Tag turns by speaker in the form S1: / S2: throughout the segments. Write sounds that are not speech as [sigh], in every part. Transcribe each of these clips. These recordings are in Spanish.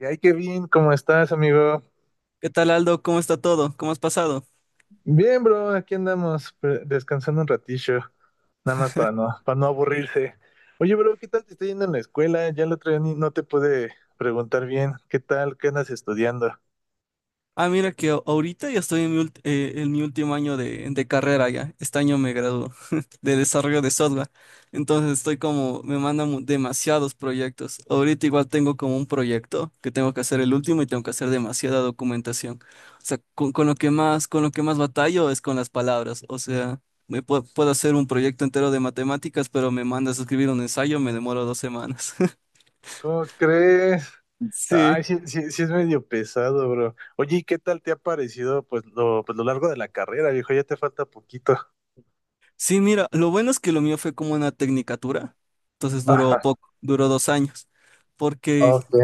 S1: Y ay, Kevin, ¿cómo estás, amigo?
S2: ¿Qué tal, Aldo? ¿Cómo está todo? ¿Cómo has pasado?
S1: Bien, bro, aquí andamos descansando un ratillo, nada más para no aburrirse. Oye, bro, ¿qué tal te está yendo en la escuela? Ya el otro día no te pude preguntar bien. ¿Qué tal? ¿Qué andas estudiando?
S2: Ah, mira que ahorita ya estoy en mi último año de carrera ya. Este año me gradúo [laughs] de desarrollo de software. Entonces estoy como, me mandan demasiados proyectos. Ahorita igual tengo como un proyecto que tengo que hacer el último y tengo que hacer demasiada documentación. O sea, con lo que más batallo es con las palabras. O sea, puedo hacer un proyecto entero de matemáticas, pero me mandas a escribir un ensayo, me demoro 2 semanas. [laughs]
S1: ¿Cómo crees?
S2: Sí.
S1: Ay, sí, sí, sí es medio pesado, bro. Oye, ¿y qué tal te ha parecido pues lo largo de la carrera, viejo? Ya te falta poquito.
S2: Sí, mira, lo bueno es que lo mío fue como una tecnicatura, entonces duró
S1: Ajá,
S2: poco, duró 2 años, porque,
S1: ok.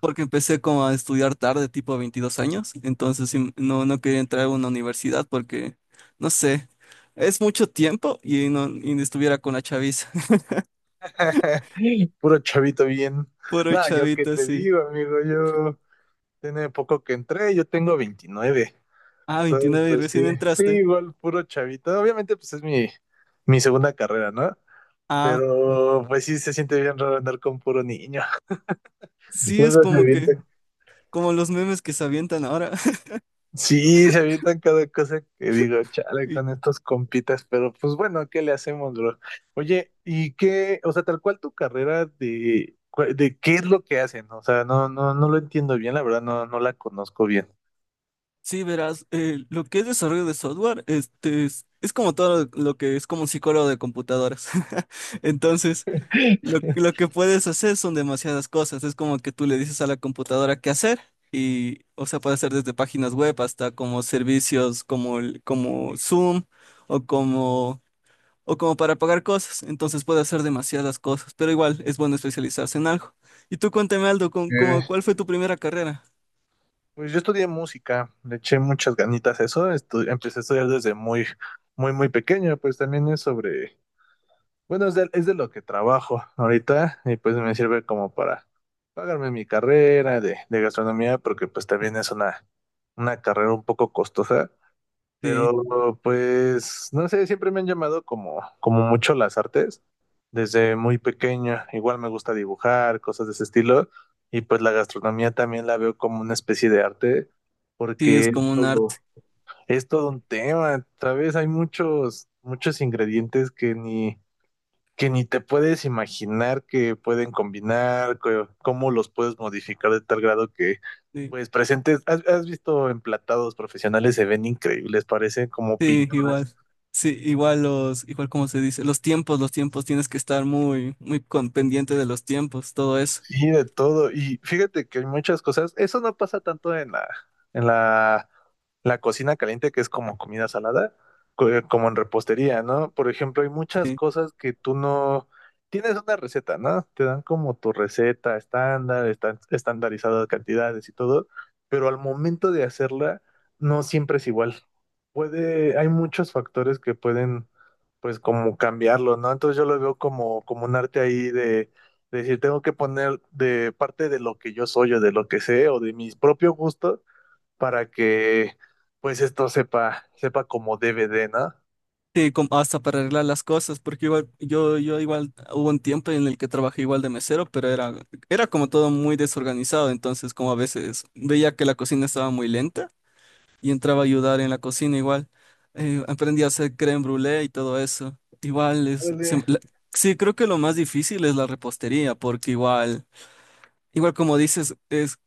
S2: porque empecé como a estudiar tarde, tipo 22 años, entonces sí, no, no quería entrar a una universidad porque, no sé, es mucho tiempo y no estuviera con la chaviza.
S1: [laughs] Puro chavito bien.
S2: [laughs] Puro
S1: No, yo qué
S2: chavita,
S1: te
S2: sí.
S1: digo, amigo, yo. Tiene poco que entré, yo tengo 29.
S2: Ah,
S1: Entonces,
S2: 29 y
S1: pues
S2: recién
S1: sí, sí,
S2: entraste.
S1: igual puro chavito. Obviamente, mi segunda carrera, ¿no?
S2: Ah,
S1: Pero pues sí se siente bien raro andar con puro niño. [laughs]
S2: sí, es
S1: Luego se
S2: como que,
S1: avientan.
S2: como los memes que se avientan ahora. [laughs]
S1: Sí, se avientan cada cosa que digo, chale,
S2: Y
S1: con estos compitas, pero pues bueno, ¿qué le hacemos, bro? Oye, ¿y qué? O sea, tal cual tu carrera de, cu- de qué es lo que hacen? O sea, no lo entiendo bien, la verdad, no la conozco bien.
S2: sí, verás, lo que es desarrollo de software, este es como todo lo que es como un psicólogo de computadoras. [laughs] Entonces, lo,
S1: [laughs]
S2: lo que puedes hacer son demasiadas cosas. Es como que tú le dices a la computadora qué hacer y, o sea, puede hacer desde páginas web hasta como servicios como, como Zoom o como, o como para pagar cosas. Entonces puede hacer demasiadas cosas, pero igual es bueno especializarse en algo. Y tú cuéntame, Aldo, ¿con,
S1: Eh,
S2: como, cuál fue tu primera carrera?
S1: pues yo estudié música, le eché muchas ganitas a eso, empecé a estudiar desde muy pequeño, pues también es sobre, bueno, es de lo que trabajo ahorita y pues me sirve como para pagarme mi carrera de gastronomía, porque pues también una carrera un poco costosa,
S2: Sí,
S1: pero pues, no sé, siempre me han llamado como mucho las artes, desde muy pequeño. Igual me gusta dibujar, cosas de ese estilo. Y pues la gastronomía también la veo como una especie de arte,
S2: sí,
S1: porque
S2: es como un arte.
S1: es todo un tema, ¿sabes? Hay muchos ingredientes que ni te puedes imaginar que pueden combinar, cómo los puedes modificar de tal grado que
S2: Sí.
S1: pues presentes, has visto emplatados profesionales? Se ven increíbles, parecen como
S2: Sí,
S1: pinturas.
S2: igual. Sí, igual los, igual como se dice, los tiempos, tienes que estar muy, muy pendiente de los tiempos, todo eso.
S1: Sí, de todo. Y fíjate que hay muchas cosas. Eso no pasa tanto en la, la cocina caliente, que es como comida salada, como en repostería, ¿no? Por ejemplo, hay muchas
S2: Sí.
S1: cosas que tú no tienes una receta, ¿no? Te dan como tu receta estándar, están estandarizadas cantidades y todo, pero al momento de hacerla, no siempre es igual. Hay muchos factores que pueden, pues, como cambiarlo, ¿no? Entonces yo lo veo como un arte ahí, es decir, tengo que poner de parte de lo que yo soy o de lo que sé o de mis propios gustos para que pues esto sepa, sepa como debe de, ¿no?
S2: Sí, com- hasta para arreglar las cosas, porque igual, yo igual hubo un tiempo en el que trabajé igual de mesero, pero era como todo muy desorganizado, entonces como a veces veía que la cocina estaba muy lenta y entraba a ayudar en la cocina igual. Aprendí a hacer crème brûlée y todo eso. Igual es,
S1: Órale.
S2: sí, creo que lo más difícil es la repostería, porque es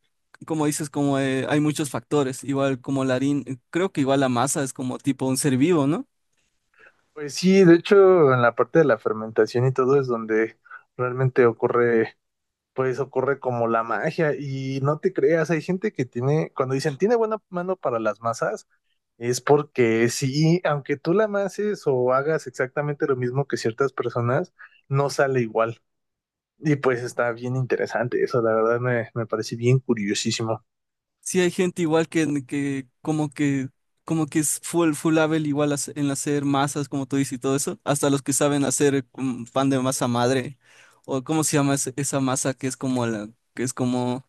S2: como dices, como hay muchos factores, igual como la harina, creo que igual la masa es como tipo un ser vivo, ¿no?
S1: Pues sí, de hecho, en la parte de la fermentación y todo es donde realmente ocurre, pues ocurre como la magia. Y no te creas, hay gente que tiene, cuando dicen tiene buena mano para las masas, es porque sí, aunque tú la amases o hagas exactamente lo mismo que ciertas personas, no sale igual. Y pues está bien interesante eso, la verdad me, me parece bien curiosísimo.
S2: Sí hay gente igual que como que es full full level igual en hacer masas, como tú dices y todo eso, hasta los que saben hacer pan de masa madre o cómo se llama esa masa que es como la que es como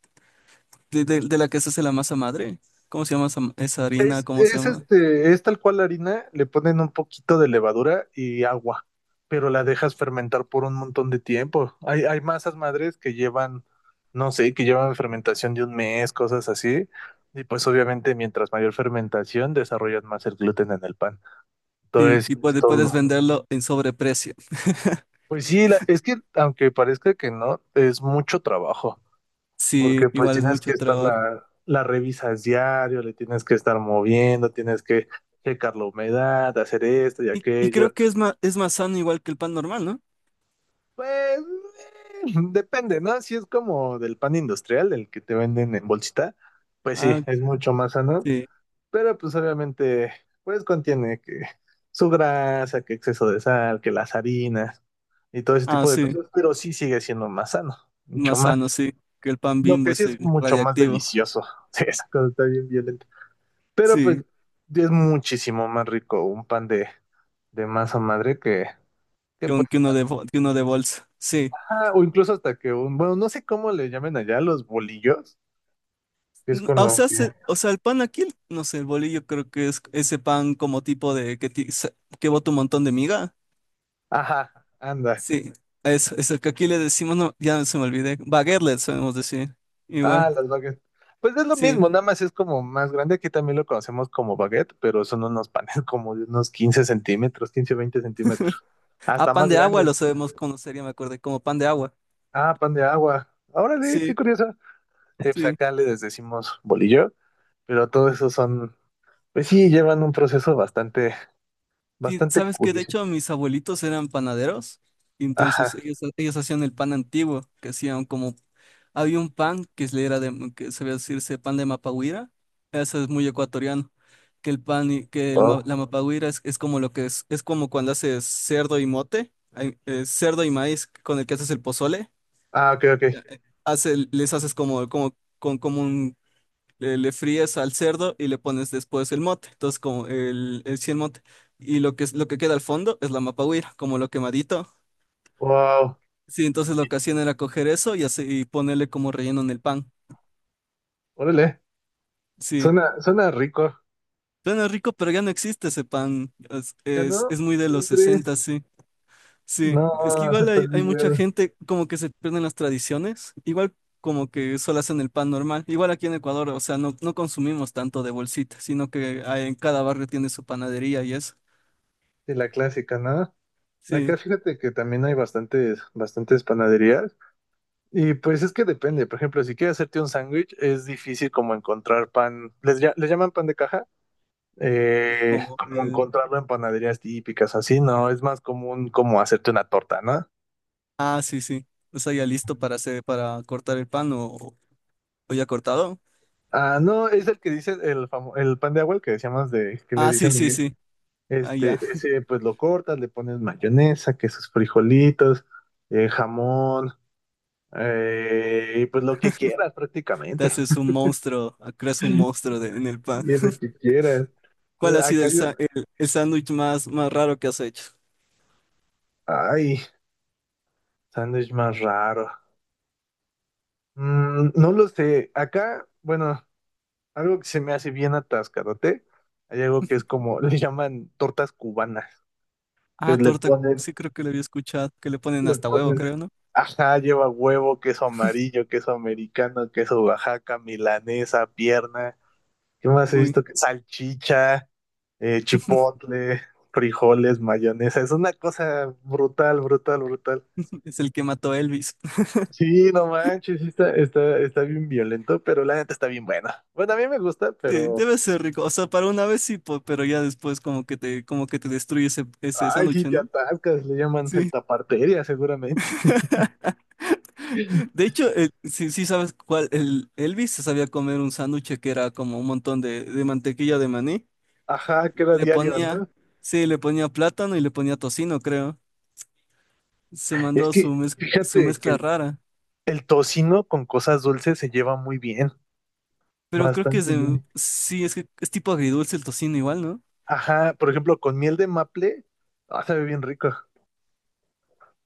S2: de la que se hace la masa madre. ¿Cómo se llama esa harina? ¿Cómo se
S1: Es
S2: llama?
S1: este, es tal cual la harina, le ponen un poquito de levadura y agua, pero la dejas fermentar por un montón de tiempo. Hay masas madres que llevan, no sé, que llevan fermentación de un mes, cosas así. Y pues obviamente mientras mayor fermentación desarrollan más el gluten en el pan.
S2: Sí,
S1: Entonces,
S2: y
S1: es
S2: puedes
S1: todo.
S2: venderlo en sobreprecio.
S1: Pues sí, es que aunque parezca que no, es mucho trabajo,
S2: Sí,
S1: porque pues
S2: igual es
S1: tienes que
S2: mucho
S1: estar
S2: trabajo.
S1: la revisas diario, le tienes que estar moviendo, tienes que checar la humedad, hacer esto y
S2: Y creo
S1: aquello.
S2: que es más sano igual que el pan normal, ¿no?
S1: Pues [laughs] depende, ¿no? Si es como del pan industrial, del que te venden en bolsita, pues sí,
S2: Ah,
S1: es mucho más sano,
S2: sí.
S1: pero pues obviamente pues contiene que su grasa, que exceso de sal, que las harinas y todo ese
S2: Ah,
S1: tipo de
S2: sí.
S1: cosas, pero sí sigue siendo más sano, mucho
S2: Más
S1: más.
S2: sano, sí. Que el pan
S1: Lo
S2: Bimbo
S1: que sí
S2: es
S1: es mucho más
S2: radiactivo.
S1: delicioso. [laughs] Sí, esa cosa está bien bien. Pero pues
S2: Sí.
S1: es muchísimo más rico un pan de masa madre que
S2: Que
S1: pues,
S2: que uno de bolsa. Sí.
S1: ah, o incluso hasta que un, bueno, no sé cómo le llamen allá los bolillos, que es
S2: N-
S1: con
S2: O
S1: lo
S2: sea,
S1: que...
S2: o sea, el pan aquí, no sé, el bolillo creo que es ese pan como tipo de que, que bota un montón de miga.
S1: Ajá, anda.
S2: Sí. Eso que aquí le decimos, no, ya se me olvidé. Baguette le sabemos decir.
S1: Ah,
S2: Igual.
S1: las baguettes. Pues es lo
S2: Sí.
S1: mismo, nada más es como más grande. Aquí también lo conocemos como baguette, pero son unos panes [laughs] como de unos 15 centímetros, 15 20 centímetros.
S2: A
S1: Hasta
S2: pan
S1: más
S2: de agua lo
S1: grandes.
S2: sabemos conocer, ya me acordé, como pan de agua.
S1: Ah, pan de agua. Órale, qué
S2: Sí,
S1: curioso. Sí, pues
S2: sí.
S1: acá les decimos bolillo, pero todo eso son. Pues sí, llevan un proceso bastante,
S2: Sí,
S1: bastante
S2: sabes que de
S1: curioso.
S2: hecho mis abuelitos eran panaderos, y entonces
S1: Ajá.
S2: ellos hacían el pan antiguo, que hacían como, había un pan que se le era que sabía decirse pan de mapahuira, eso es muy ecuatoriano, que el pan,
S1: Wow.
S2: la mapahuira es como lo que es como cuando haces cerdo y mote, ay, cerdo y maíz con el que haces el pozole.
S1: Ah, ok, ok.
S2: Ya, hace, les haces como, como, con, como le fríes al cerdo y le pones después el mote. Entonces, como sí, el mote. Y lo que, lo que queda al fondo es la mapahuira, como lo quemadito.
S1: Wow.
S2: Sí, entonces lo que hacían era coger eso y, así, y ponerle como relleno en el pan.
S1: Órale.
S2: Sí.
S1: Suena, suena rico.
S2: Suena rico, pero ya no existe ese pan. Es,
S1: ¿Ya
S2: es,
S1: no?
S2: es muy de los
S1: ¿No crees?
S2: 60, sí. Sí. Es que
S1: No, se
S2: igual hay mucha
S1: perdió
S2: gente como que se pierden las tradiciones. Igual como que solo hacen el pan normal. Igual aquí en Ecuador, o sea, no, no consumimos tanto de bolsita, sino que en cada barrio tiene su panadería y eso.
S1: de la clásica, ¿no?
S2: Sí.
S1: Acá fíjate que también hay bastantes, bastantes panaderías. Y pues es que depende. Por ejemplo, si quieres hacerte un sándwich, es difícil como encontrar pan. Les llaman pan de caja? Eh,
S2: Como
S1: como
S2: el...
S1: encontrarlo en panaderías típicas, así, ¿no? Es más común como hacerte una torta, ¿no?
S2: Ah, sí, sí. O sea, ya listo para hacer, para cortar el pan o ya cortado.
S1: Ah, no, es el que dice el pan de agua, el que decíamos de que le
S2: Ah, sí,
S1: dicen
S2: sí,
S1: Miguel.
S2: sí. Ah, ya.
S1: Ese pues lo cortas, le pones mayonesa, que sus frijolitos, jamón, y pues lo que quieras
S2: Te
S1: prácticamente.
S2: haces un monstruo, ah, creas un monstruo en el pan.
S1: Y es lo que
S2: [laughs]
S1: quieras.
S2: ¿Cuál
S1: Entonces,
S2: ha sido
S1: acá
S2: el,
S1: hay un,
S2: sa- el, el sándwich más, más raro que has hecho?
S1: ay, sándwich más raro. Mm, no lo sé. Acá, bueno, algo que se me hace bien atascadote, hay algo que es como, [laughs] le llaman tortas cubanas.
S2: Ah,
S1: Pues le
S2: torta.
S1: ponen
S2: Sí, creo que lo había escuchado, que le ponen
S1: Le
S2: hasta huevo,
S1: ponen,
S2: creo, ¿no?
S1: ajá, lleva huevo, queso amarillo, queso americano, queso Oaxaca, milanesa, pierna. ¿Qué más he
S2: Uy,
S1: visto? Que salchicha, chipotle, frijoles, mayonesa. Es una cosa brutal, brutal, brutal.
S2: es el que mató a Elvis. [laughs]
S1: Sí, no manches, sí está bien violento, pero la neta está bien buena. Bueno, a mí me gusta,
S2: Sí,
S1: pero...
S2: debe ser rico. O sea, para una vez sí, pero ya después como que te destruye ese
S1: Ay,
S2: sándwich,
S1: si te
S2: ¿no?
S1: atascas, le llaman el
S2: Sí.
S1: taparteria seguramente.
S2: [laughs] De
S1: [laughs]
S2: hecho, sí, sí sabes cuál, el Elvis se sabía comer un sándwich que era como un montón de mantequilla de maní.
S1: Ajá, que era
S2: Le
S1: diario,
S2: ponía,
S1: ¿no?
S2: sí, le ponía plátano y le ponía tocino, creo. Se
S1: Es
S2: mandó su
S1: que
S2: su
S1: fíjate que
S2: mezcla rara.
S1: el tocino con cosas dulces se lleva muy bien,
S2: Pero creo que es
S1: bastante bien.
S2: sí, es que es tipo agridulce el tocino igual, ¿no?
S1: Ajá, por ejemplo, con miel de maple, ah, sabe bien rico,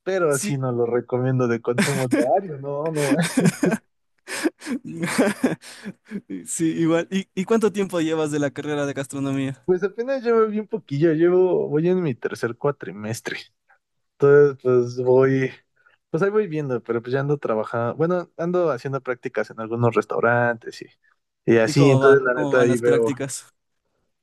S1: pero
S2: Sí,
S1: así no lo recomiendo de consumo diario, no, no. Eh,
S2: [laughs] sí, igual. ¿Y cuánto tiempo llevas de la carrera de gastronomía?
S1: pues apenas llevo bien poquillo, llevo, voy en mi tercer cuatrimestre, entonces pues voy, pues ahí voy viendo, pero pues ya ando trabajando, bueno, ando haciendo prácticas en algunos restaurantes y
S2: ¿Y
S1: así,
S2: cómo va?
S1: entonces la
S2: ¿Cómo
S1: neta
S2: van
S1: ahí
S2: las
S1: veo,
S2: prácticas?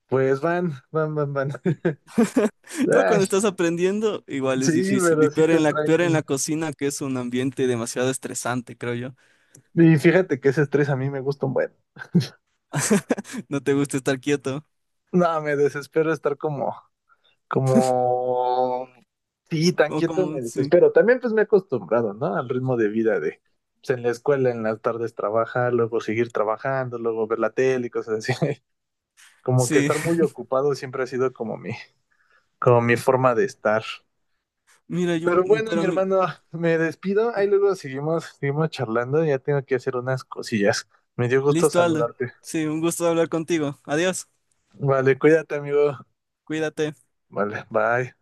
S1: pues van. [laughs]
S2: [laughs] Igual
S1: Ay,
S2: cuando estás aprendiendo, igual
S1: sí,
S2: es difícil.
S1: pero
S2: Y
S1: sí
S2: peor
S1: te
S2: peor en la
S1: traen.
S2: cocina, que es un ambiente demasiado estresante, creo yo.
S1: Y fíjate que ese estrés a mí me gusta un buen.
S2: No te gusta estar quieto.
S1: No, me desespero estar como, sí, tan
S2: Como,
S1: quieto
S2: como,
S1: me
S2: sí.
S1: desespero. También pues me he acostumbrado, ¿no? Al ritmo pues en la escuela, en las tardes trabajar, luego seguir trabajando, luego ver la tele y cosas así. [laughs] Como que
S2: Sí.
S1: estar muy
S2: [laughs]
S1: ocupado siempre ha sido como como mi forma de estar.
S2: Mira, yo,
S1: Pero bueno, mi hermano, me despido. Ahí luego seguimos, seguimos charlando. Ya tengo que hacer unas cosillas. Me dio gusto
S2: listo, Aldo.
S1: saludarte.
S2: Sí, un gusto hablar contigo. Adiós.
S1: Vale, cuídate, amigo.
S2: Cuídate.
S1: Vale, bye.